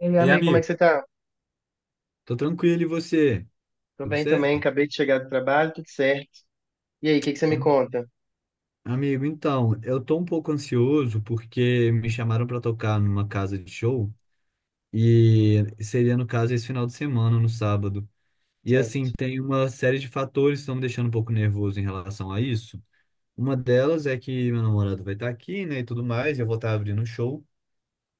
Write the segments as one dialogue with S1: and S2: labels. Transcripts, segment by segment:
S1: E aí,
S2: Ei,
S1: amigo, como é
S2: amigo,
S1: que você tá?
S2: tô tranquilo e você?
S1: Tô
S2: Tudo
S1: bem também,
S2: certo?
S1: acabei de chegar do trabalho, tudo certo. E aí, o que que você me
S2: Tá.
S1: conta?
S2: Amigo, então, eu tô um pouco ansioso porque me chamaram pra tocar numa casa de show e seria, no caso, esse final de semana, no sábado. E assim,
S1: Certo,
S2: tem uma série de fatores que estão me deixando um pouco nervoso em relação a isso. Uma delas é que meu namorado vai estar aqui, né, e tudo mais, e eu vou estar abrindo o show.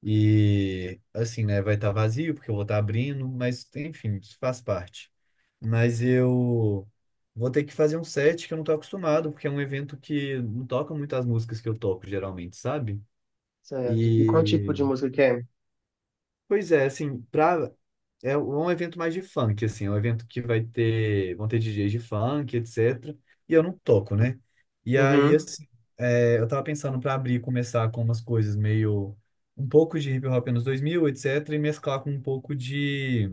S2: E assim, né, vai estar vazio porque eu vou estar abrindo, mas enfim, isso faz parte. Mas eu vou ter que fazer um set que eu não tô acostumado, porque é um evento que não toca muito as músicas que eu toco geralmente, sabe?
S1: certo. E qual tipo
S2: E
S1: de música que é?
S2: pois é, assim, pra é um evento mais de funk, assim, é um evento que vai ter, vão ter DJs de funk, etc. E eu não toco, né? E aí,
S1: Uhum,
S2: assim, eu tava pensando pra abrir, e começar com umas coisas meio um pouco de hip hop anos 2000, etc, e mesclar com um pouco de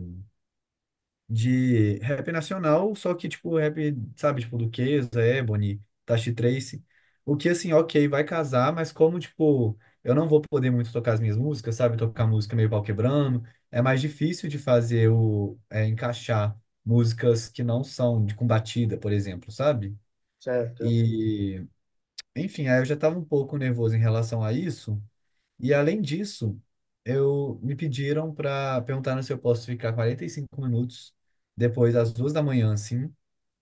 S2: de rap nacional, só que, tipo, rap, sabe, tipo, do Luqueza, Ebony, Tashi Trace. O que, assim, ok, vai casar, mas como, tipo, eu não vou poder muito tocar as minhas músicas, sabe? Tocar música meio pau quebrando. É mais difícil de fazer o, encaixar músicas que não são de com batida por exemplo, sabe?
S1: certo.
S2: E, enfim, aí eu já tava um pouco nervoso em relação a isso. E além disso, eu me pediram para perguntar se eu posso ficar 45 minutos depois das duas da manhã, assim,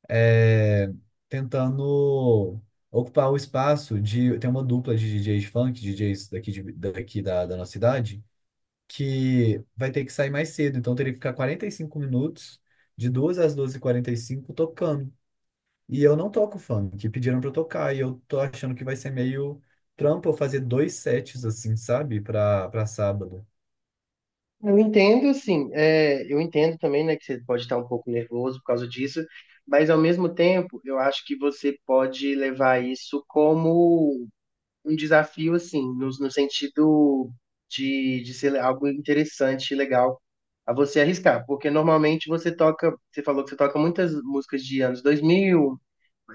S2: é, tentando ocupar o espaço de tem uma dupla de DJs funk, DJs daqui, daqui da nossa cidade, que vai ter que sair mais cedo, então eu teria que ficar 45 minutos de 2 às duas e quarenta e cinco tocando. E eu não toco funk, pediram pra eu tocar, e eu tô achando que vai ser meio trampo eu fazer dois sets, assim, sabe? Pra sábado.
S1: Eu entendo, assim, eu entendo também, né, que você pode estar um pouco nervoso por causa disso, mas ao mesmo tempo, eu acho que você pode levar isso como um desafio, assim, no sentido de ser algo interessante e legal a você arriscar, porque normalmente você toca, você falou que você toca muitas músicas de anos 2000,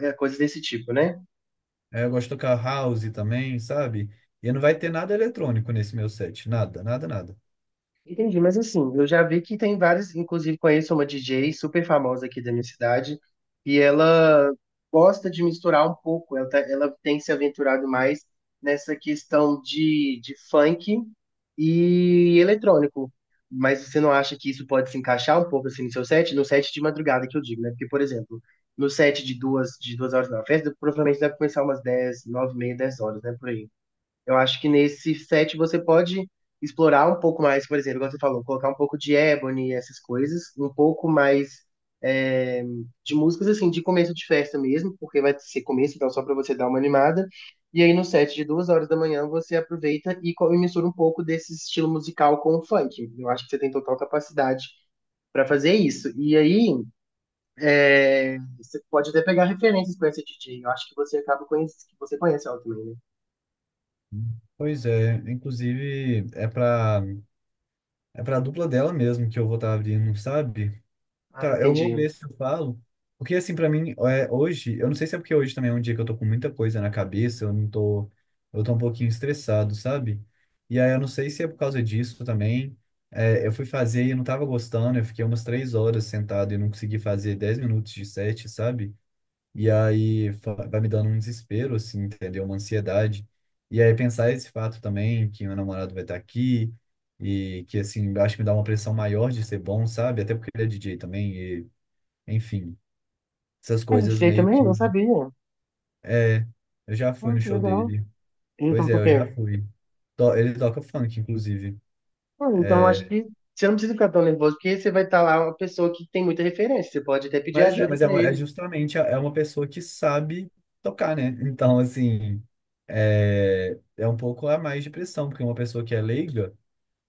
S1: coisas desse tipo, né?
S2: Aí eu gosto de tocar house também, sabe? E não vai ter nada eletrônico nesse meu set, nada, nada, nada.
S1: Entendi, mas assim, eu já vi que tem várias, inclusive conheço uma DJ super famosa aqui da minha cidade, e ela gosta de misturar um pouco, ela, ela tem se aventurado mais nessa questão de funk e eletrônico. Mas você não acha que isso pode se encaixar um pouco assim no seu set? No set de madrugada que eu digo, né? Porque, por exemplo, no set de duas horas na festa, provavelmente deve começar umas dez, nove e meia, 10 horas, né? Por aí. Eu acho que nesse set você pode explorar um pouco mais, por exemplo, igual você falou, colocar um pouco de Ebony e essas coisas, um pouco mais é, de músicas assim, de começo de festa mesmo, porque vai ser começo, então só para você dar uma animada. E aí no set de duas horas da manhã você aproveita e e mistura um pouco desse estilo musical com o funk. Eu acho que você tem total capacidade para fazer isso. E aí você pode até pegar referências com esse DJ. Eu acho que você acaba conhecendo, que você conhece ela também, né?
S2: Pois é, inclusive é pra dupla dela mesmo que eu vou estar abrindo, sabe?
S1: Ah,
S2: Tá, eu vou
S1: entendi.
S2: ver se eu falo. Porque, assim, pra mim, hoje, eu não sei se é porque hoje também é um dia que eu tô com muita coisa na cabeça, eu não tô, eu tô um pouquinho estressado, sabe? E aí eu não sei se é por causa disso também. É, eu fui fazer e eu não tava gostando, eu fiquei umas 3 horas sentado e não consegui fazer 10 minutos de set, sabe? E aí vai me dando um desespero, assim, entendeu? Uma ansiedade. E aí pensar esse fato também, que meu namorado vai estar aqui. E que, assim, acho que me dá uma pressão maior de ser bom, sabe? Até porque ele é DJ também, enfim, essas
S1: Ah, eu
S2: coisas
S1: tirei
S2: meio
S1: também, não
S2: que.
S1: sabia.
S2: É, eu já fui
S1: Ah,
S2: no
S1: que
S2: show
S1: legal.
S2: dele.
S1: E então,
S2: Pois é,
S1: por
S2: eu
S1: quê?
S2: já fui. Ele toca funk, inclusive.
S1: Ah, então, acho que você não precisa ficar tão nervoso, porque você vai estar lá uma pessoa que tem muita referência. Você pode até pedir
S2: Mas é,
S1: ajuda
S2: mas é,
S1: pra
S2: é
S1: ele.
S2: justamente é uma pessoa que sabe tocar, né? Então, assim, é um pouco a mais de pressão, porque uma pessoa que é leiga,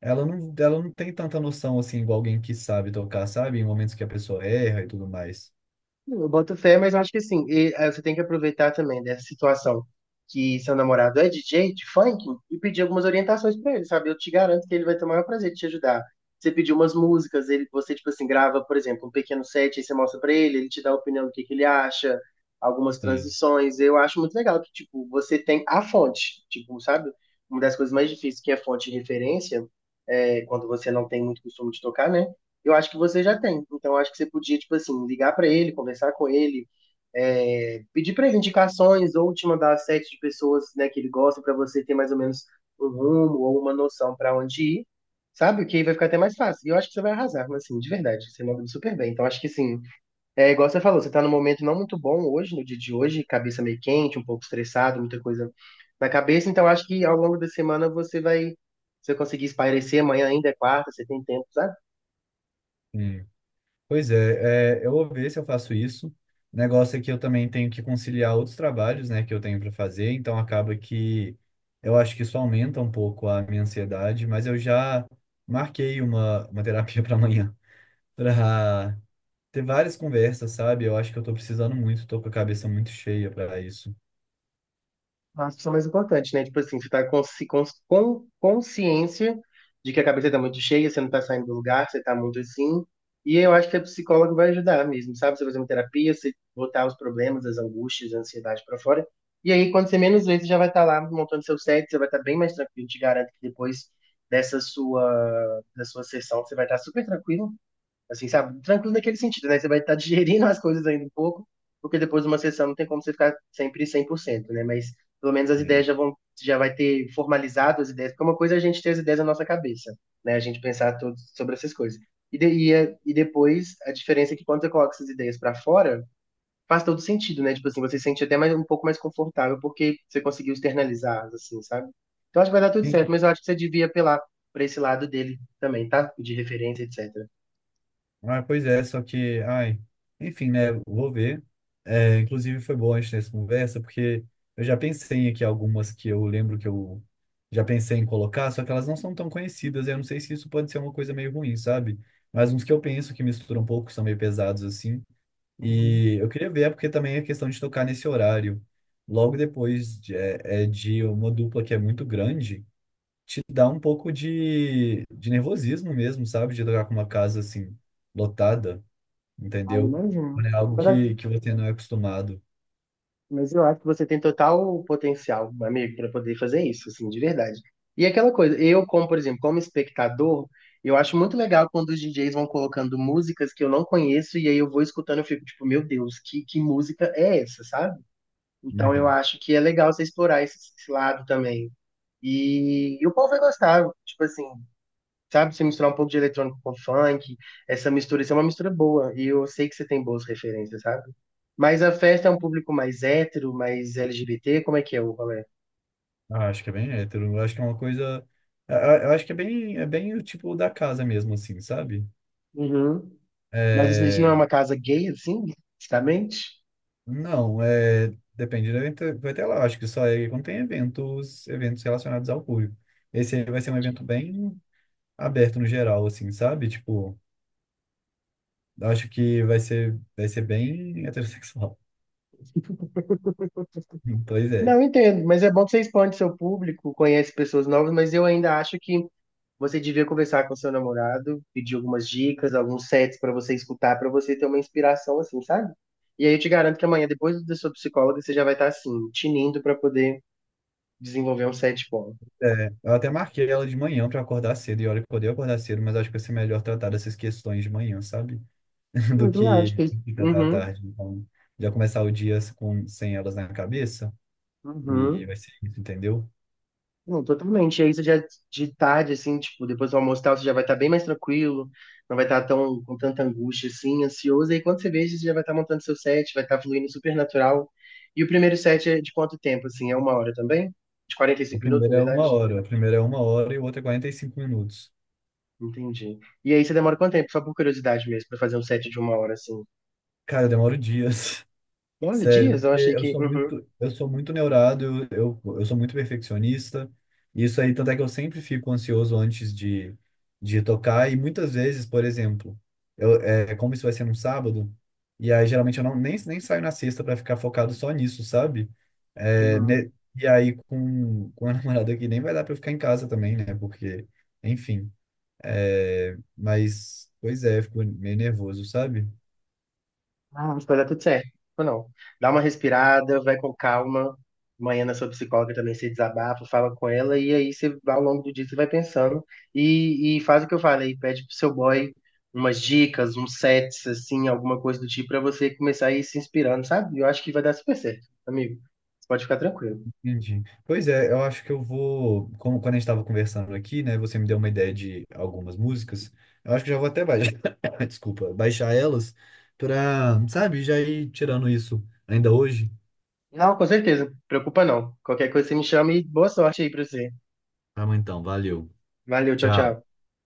S2: ela não tem tanta noção, assim, igual alguém que sabe tocar, sabe? Em momentos que a pessoa erra e tudo mais.
S1: Eu boto fé, mas eu acho que assim, você tem que aproveitar também dessa situação que seu namorado é DJ de funk e pedir algumas orientações pra ele, sabe? Eu te garanto que ele vai ter o maior prazer de te ajudar. Você pediu umas músicas, ele, você, tipo assim, grava, por exemplo, um pequeno set, aí você mostra pra ele, ele te dá a opinião do que ele acha, algumas transições. Eu acho muito legal que, tipo, você tem a fonte, tipo, sabe? Uma das coisas mais difíceis que é a fonte de referência, é, quando você não tem muito costume de tocar, né? Eu acho que você já tem. Então, eu acho que você podia, tipo assim, ligar pra ele, conversar com ele, pedir pra ele indicações ou te mandar sete de pessoas, né, que ele gosta pra você ter mais ou menos um rumo ou uma noção pra onde ir, sabe? Que aí vai ficar até mais fácil. E eu acho que você vai arrasar, mas, assim, de verdade, você manda super bem. Então, acho que assim, é igual você falou, você tá num momento não muito bom hoje, no dia de hoje, cabeça meio quente, um pouco estressado, muita coisa na cabeça. Então, acho que ao longo da semana você vai conseguir espairecer. Amanhã ainda é quarta, você tem tempo, sabe?
S2: Sim. Pois é, eu vou ver se eu faço isso. O negócio é que eu também tenho que conciliar outros trabalhos, né, que eu tenho para fazer, então acaba que eu acho que isso aumenta um pouco a minha ansiedade, mas eu já marquei uma terapia para amanhã, para ter várias conversas, sabe? Eu acho que eu tô precisando muito, tô com a cabeça muito cheia para isso.
S1: Acho que é o mais importante, né? Tipo assim, você tá com consciência de que a cabeça tá muito cheia, você não tá saindo do lugar, você tá muito assim. E eu acho que a psicóloga vai ajudar mesmo, sabe? Você fazer uma terapia, você botar os problemas, as angústias, a ansiedade pra fora. E aí, quando você menos vê, você já vai estar lá montando seu set, você vai estar bem mais tranquilo. Te garanto que depois da sua sessão, você vai estar super tranquilo. Assim, sabe? Tranquilo naquele sentido, né? Você vai estar digerindo as coisas ainda um pouco, porque depois de uma sessão não tem como você ficar sempre 100 por cento, né? Mas pelo menos as ideias já vão, já vai ter formalizado as ideias, porque é uma coisa é a gente ter as ideias na nossa cabeça, né? A gente pensar tudo sobre essas coisas. E depois, a diferença é que quando você coloca essas ideias para fora, faz todo sentido, né? Tipo assim, você se sente até mais, um pouco mais confortável porque você conseguiu externalizar, assim, sabe? Então acho que vai dar tudo
S2: Hum.
S1: certo, mas eu acho que você devia apelar para esse lado dele também, tá? De referência, etc.
S2: Ah, pois é, só que, ai, enfim, né, vou ver. É, inclusive foi bom a gente ter essa conversa, porque eu já pensei aqui algumas que eu lembro que eu já pensei em colocar, só que elas não são tão conhecidas, eu não sei se isso pode ser uma coisa meio ruim, sabe? Mas uns que eu penso que misturam um pouco, são meio pesados assim, e eu queria ver, é porque também é questão de tocar nesse horário, logo depois de uma dupla que é muito grande, te dá um pouco de nervosismo mesmo, sabe? De tocar com uma casa assim lotada,
S1: Ah,
S2: entendeu?
S1: imagino.
S2: É algo
S1: Mas, a-
S2: que você não é acostumado.
S1: mas eu acho que você tem total potencial, amigo, para poder fazer isso, assim, de verdade. E aquela coisa, eu, como, por exemplo, como espectador, eu acho muito legal quando os DJs vão colocando músicas que eu não conheço e aí eu vou escutando e fico tipo, meu Deus, que música é essa, sabe? Então eu
S2: Uhum.
S1: acho que é legal você explorar esse lado também. E o povo vai gostar, tipo assim, sabe? Você misturar um pouco de eletrônico com funk, essa mistura, isso é uma mistura boa. E eu sei que você tem boas referências, sabe? Mas a festa é um público mais hétero, mais LGBT, como é que é o rolê?
S2: Ah, acho que é bem hétero. Eu acho que é uma coisa. Eu eu acho que é bem o tipo da casa mesmo, assim, sabe?
S1: Uhum. Mas isso não é
S2: É,
S1: uma casa gay, assim, justamente?
S2: não, depende do evento, vai ter lá, acho que só é quando tem eventos, eventos relacionados ao público. Esse aí vai ser um
S1: Entendi.
S2: evento bem aberto no geral, assim, sabe? Tipo, eu acho que vai ser bem heterossexual. Pois é.
S1: Não, entendo, mas é bom que você expande seu público, conhece pessoas novas, mas eu ainda acho que você devia conversar com seu namorado, pedir algumas dicas, alguns sets pra você escutar, pra você ter uma inspiração assim, sabe? E aí eu te garanto que amanhã, depois da sua psicóloga, você já vai estar assim, tinindo pra poder desenvolver um set bom.
S2: É, eu até marquei ela de manhã pra acordar cedo, e olha que eu odeio acordar cedo, mas acho que vai ser melhor tratar dessas questões de manhã, sabe?
S1: É
S2: Do
S1: verdade,
S2: que
S1: porque
S2: tratar à
S1: uhum,
S2: tarde. Então, já começar o dia com, sem elas na cabeça, e vai
S1: uhum.
S2: ser isso, entendeu?
S1: Não, totalmente. E aí você já de tarde, assim, tipo, depois do almoço e tal, você já vai estar bem mais tranquilo, não vai estar tão com tanta angústia, assim, ansioso. E aí quando você veja, você já vai estar montando seu set, vai estar fluindo super natural. E o primeiro set é de quanto tempo, assim? É uma hora também? De quarenta e
S2: O
S1: cinco minutos,
S2: primeiro
S1: na
S2: é
S1: verdade?
S2: uma hora, o primeiro é uma hora e o outro é 45 minutos.
S1: Entendi. E aí você demora quanto tempo? Só por curiosidade mesmo, pra fazer um set de uma hora, assim.
S2: Cara, eu demoro dias.
S1: Olha,
S2: Sério,
S1: dias? Eu
S2: porque
S1: achei que.
S2: eu sou muito neurado, eu sou muito perfeccionista. Isso aí, tanto é que eu sempre fico ansioso antes de tocar. E muitas vezes, por exemplo, como isso vai ser num sábado, e aí geralmente eu nem saio na sexta para ficar focado só nisso, sabe? É,
S1: Uhum.
S2: né, e aí com a namorada aqui nem vai dar para ficar em casa também, né? Porque, enfim. Mas, pois é, eu fico meio nervoso, sabe?
S1: Ah, mas vai dar tudo certo. Ou não. Dá uma respirada, vai com calma. Amanhã na sua psicóloga também se desabafa, fala com ela, e aí você, ao longo do dia você vai pensando. E faz o que eu falei, pede pro seu boy umas dicas, uns sets, assim, alguma coisa do tipo, pra você começar a ir se inspirando, sabe? Eu acho que vai dar super certo, amigo. Você pode ficar tranquilo.
S2: Entendi. Pois é, eu acho que eu vou, como quando a gente estava conversando aqui, né, você me deu uma ideia de algumas músicas, eu acho que já vou até baixar, desculpa, baixar elas pra, sabe, já ir tirando isso ainda hoje.
S1: Não, com certeza. Preocupa não. Qualquer coisa você me chama e boa sorte aí pra você.
S2: Tá bom, então, valeu.
S1: Valeu, tchau,
S2: Tchau.
S1: tchau.